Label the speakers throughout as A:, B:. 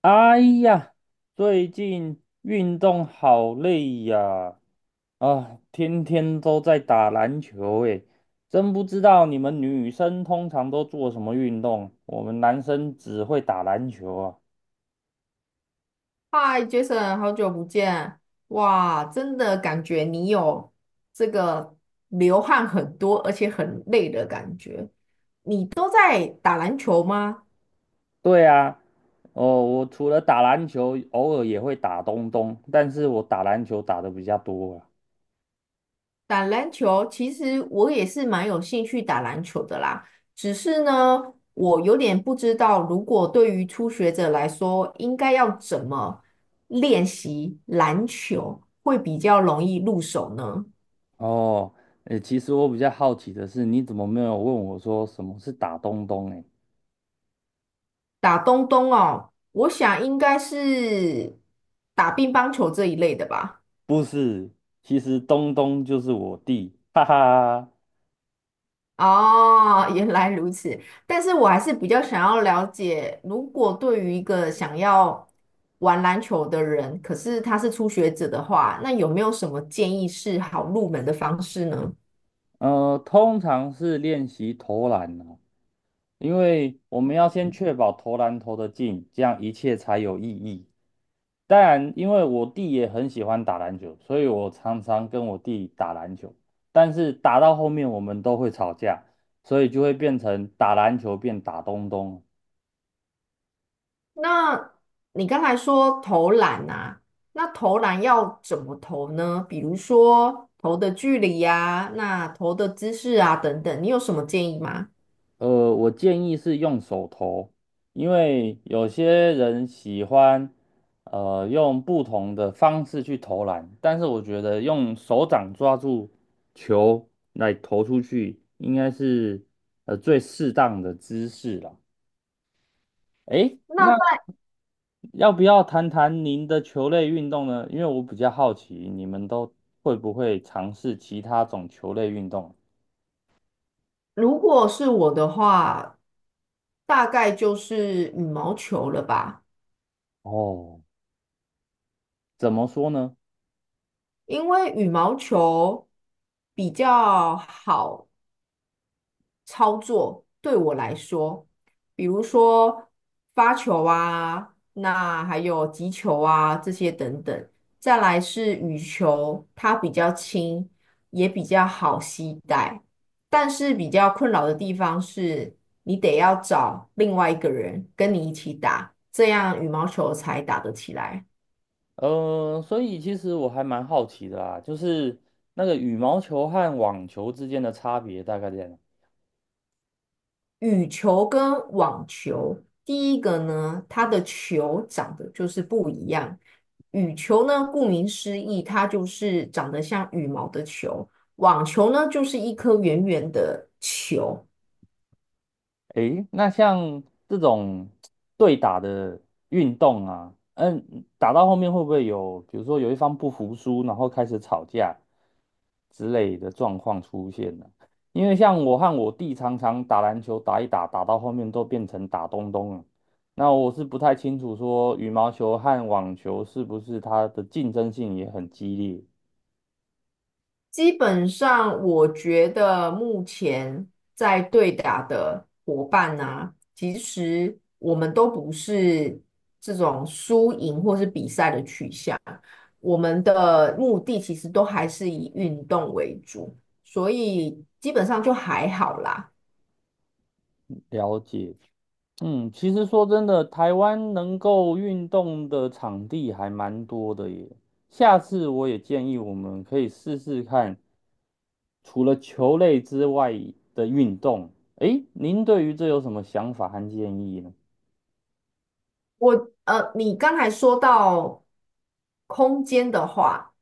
A: 哎呀，最近运动好累呀！啊，天天都在打篮球，诶，真不知道你们女生通常都做什么运动，我们男生只会打篮球啊。
B: 嗨，Jason，好久不见！哇，真的感觉你有这个流汗很多，而且很累的感觉。都在打篮球吗？
A: 对啊，哦，我除了打篮球，偶尔也会打东东，但是我打篮球打的比较多啊。
B: 打篮球，其实我也是蛮有兴趣打篮球的啦。只是呢，我有点不知道，如果对于初学者来说，应该要怎么练习篮球会比较容易入手呢？
A: 哦，诶，其实我比较好奇的是，你怎么没有问我说什么是打东东？
B: 打东东哦，我想应该是打乒乓球这一类的吧。
A: 不是，其实东东就是我弟，哈哈。
B: 哦，原来如此。但是我还是比较想要了解，如果对于一个想要玩篮球的人，可是他是初学者的话，那有没有什么建议是好入门的方式呢？
A: 通常是练习投篮啊，因为我们要先确保投篮投得进，这样一切才有意义。当然，因为我弟也很喜欢打篮球，所以我常常跟我弟打篮球。但是打到后面我们都会吵架，所以就会变成打篮球变打东东。
B: 那你刚才说投篮啊，那投篮要怎么投呢？比如说投的距离呀、那投的姿势啊等等，你有什么建议吗？
A: 呃，我建议是用手投，因为有些人喜欢用不同的方式去投篮，但是我觉得用手掌抓住球来投出去，应该是最适当的姿势啦。诶，
B: 那
A: 那
B: 在
A: 要不要谈谈您的球类运动呢？因为我比较好奇，你们都会不会尝试其他种球类运动？
B: 如果是我的话，大概就是羽毛球了吧，
A: 哦，怎么说呢？
B: 因为羽毛球比较好操作对我来说，比如说发球啊，那还有击球啊这些等等。再来是羽球，它比较轻，也比较好携带，但是比较困扰的地方是，你得要找另外一个人跟你一起打，这样羽毛球才打得起来。
A: 所以其实我还蛮好奇的啦，就是那个羽毛球和网球之间的差别大概在哪？
B: 羽球跟网球，第一个呢，它的球长得就是不一样。羽球呢，顾名思义，它就是长得像羽毛的球；网球呢，就是一颗圆圆的球。
A: 诶，那像这种对打的运动啊，嗯，打到后面会不会有，比如说有一方不服输，然后开始吵架之类的状况出现呢？因为像我和我弟常常打篮球，打一打，打到后面都变成打东东了。那我是不太清楚说羽毛球和网球是不是它的竞争性也很激烈，
B: 基本上，我觉得目前在对打的伙伴呢、其实我们都不是这种输赢或是比赛的取向，我们的目的其实都还是以运动为主，所以基本上就还好啦。
A: 了解。嗯，其实说真的，台湾能够运动的场地还蛮多的耶。下次我也建议我们可以试试看，除了球类之外的运动。诶，您对于这有什么想法和建议呢？
B: 我你刚才说到空间的话，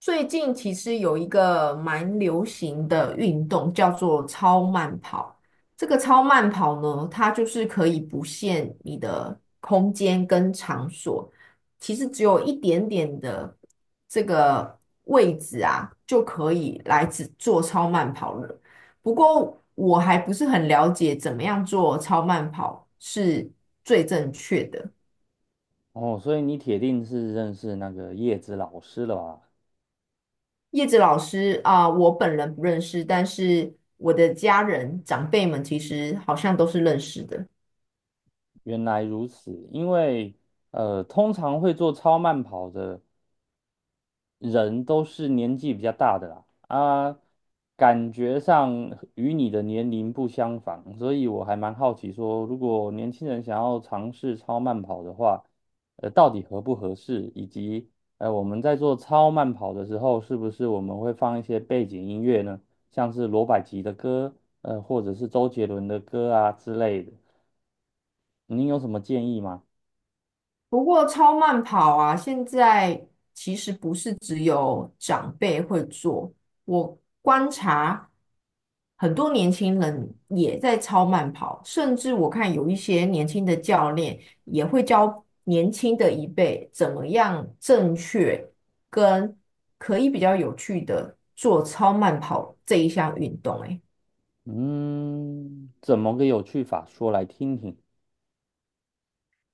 B: 最近其实有一个蛮流行的运动叫做超慢跑。这个超慢跑呢，它就是可以不限你的空间跟场所，其实只有一点点的位置啊，就可以来只做超慢跑了。不过我还不是很了解怎么样做超慢跑是最正确的。
A: 哦，所以你铁定是认识那个叶子老师了吧？
B: 叶子老师啊，我本人不认识，但是我的家人长辈们其实好像都是认识的。
A: 原来如此，因为通常会做超慢跑的。人都是年纪比较大的啦，啊，感觉上与你的年龄不相仿，所以我还蛮好奇说，如果年轻人想要尝试超慢跑的话，到底合不合适，以及我们在做超慢跑的时候，是不是我们会放一些背景音乐呢？像是罗百吉的歌，或者是周杰伦的歌啊之类的，您有什么建议吗？
B: 不过超慢跑啊，现在其实不是只有长辈会做，我观察很多年轻人也在超慢跑，甚至我看有一些年轻的教练也会教年轻的一辈怎么样正确跟可以比较有趣的做超慢跑这一项运动。欸
A: 嗯，怎么个有趣法，说来听听。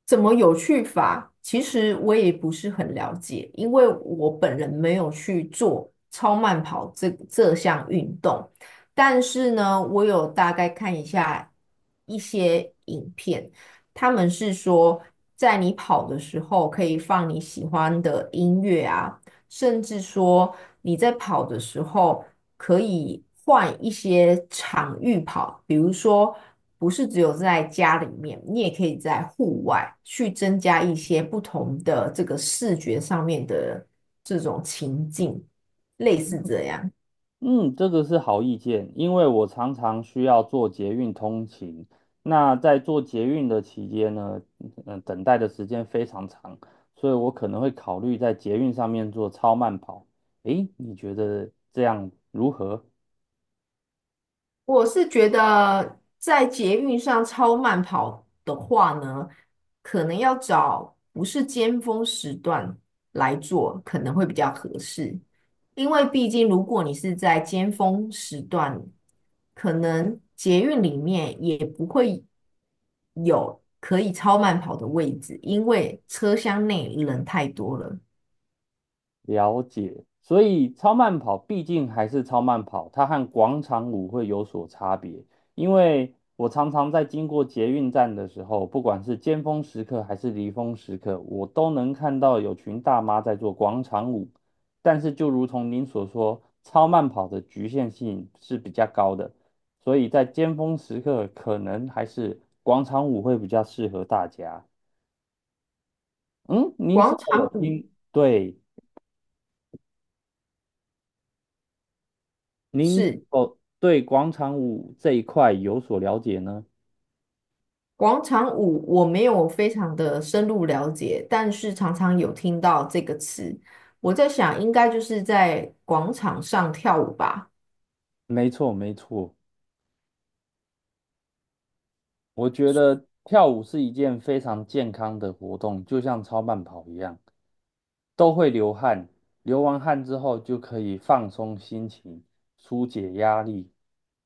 B: 怎么有趣法？其实我也不是很了解，因为我本人没有去做超慢跑这项运动。但是呢，我有大概看一下一些影片，他们是说，在你跑的时候可以放你喜欢的音乐啊，甚至说你在跑的时候，可以换一些场域跑，比如说不是只有在家里面，你也可以在户外去增加一些不同的这个视觉上面的这种情境，类似这样。
A: 嗯，这个是好意见，因为我常常需要做捷运通勤。那在做捷运的期间呢，嗯、等待的时间非常长，所以我可能会考虑在捷运上面做超慢跑。诶，你觉得这样如何？
B: 我是觉得在捷运上超慢跑的话呢，可能要找不是尖峰时段来做，可能会比较合适。因为毕竟如果你是在尖峰时段，可能捷运里面也不会有可以超慢跑的位置，因为车厢内人太多了。
A: 了解，所以超慢跑毕竟还是超慢跑，它和广场舞会有所差别。因为我常常在经过捷运站的时候，不管是尖峰时刻还是离峰时刻，我都能看到有群大妈在做广场舞。但是就如同您所说，超慢跑的局限性是比较高的，所以在尖峰时刻可能还是广场舞会比较适合大家。嗯，您是
B: 广
A: 否有
B: 场舞
A: 听？对。您是
B: 是
A: 否对广场舞这一块有所了解呢？
B: 广场舞我没有非常的深入了解，但是常常有听到这个词。我在想，应该就是在广场上跳舞吧。
A: 没错，没错，我觉得跳舞是一件非常健康的活动，就像超慢跑一样，都会流汗，流完汗之后就可以放松心情，疏解压力。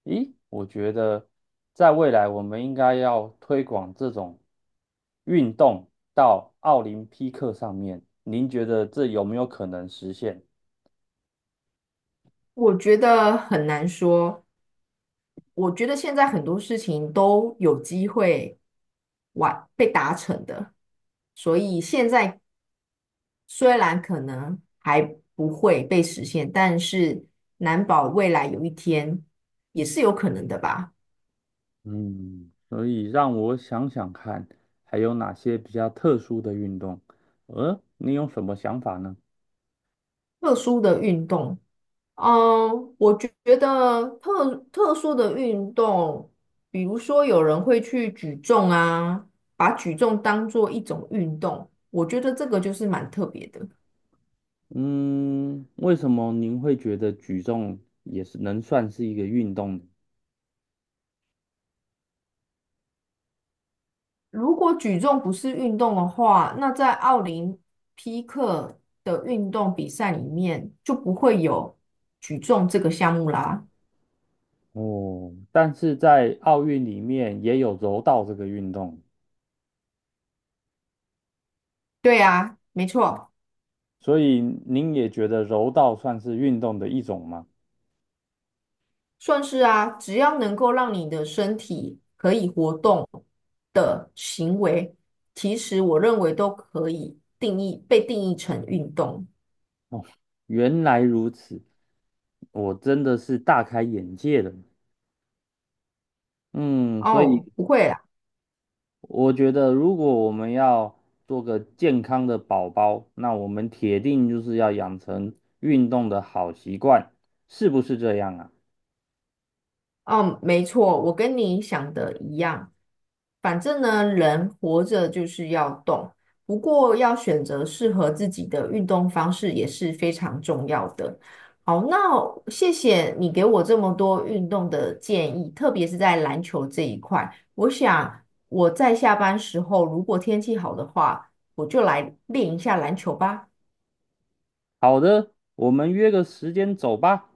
A: 咦，我觉得在未来我们应该要推广这种运动到奥林匹克上面，您觉得这有没有可能实现？
B: 我觉得很难说。我觉得现在很多事情都有机会完被达成的，所以现在虽然可能还不会被实现，但是难保未来有一天也是有可能的吧。
A: 嗯，所以让我想想看，还有哪些比较特殊的运动？你有什么想法呢？
B: 特殊的运动。嗯，我觉得特殊的运动，比如说有人会去举重啊，把举重当做一种运动，我觉得这个就是蛮特别的。
A: 嗯，为什么您会觉得举重也是能算是一个运动呢？
B: 如果举重不是运动的话，那在奥林匹克的运动比赛里面就不会有举重这个项目啦。
A: 哦，但是在奥运里面也有柔道这个运动，
B: 对啊，没错。
A: 所以您也觉得柔道算是运动的一种吗？
B: 算是啊，只要能够让你的身体可以活动的行为，其实我认为都可以定义，被定义成运动。
A: 原来如此，我真的是大开眼界了。嗯，所以
B: 哦，不会啦。
A: 我觉得，如果我们要做个健康的宝宝，那我们铁定就是要养成运动的好习惯，是不是这样啊？
B: 嗯，没错，我跟你想的一样。反正呢，人活着就是要动，不过要选择适合自己的运动方式也是非常重要的。好，那谢谢你给我这么多运动的建议，特别是在篮球这一块。我想我在下班时候，如果天气好的话，我就来练一下篮球吧。
A: 好的，我们约个时间走吧。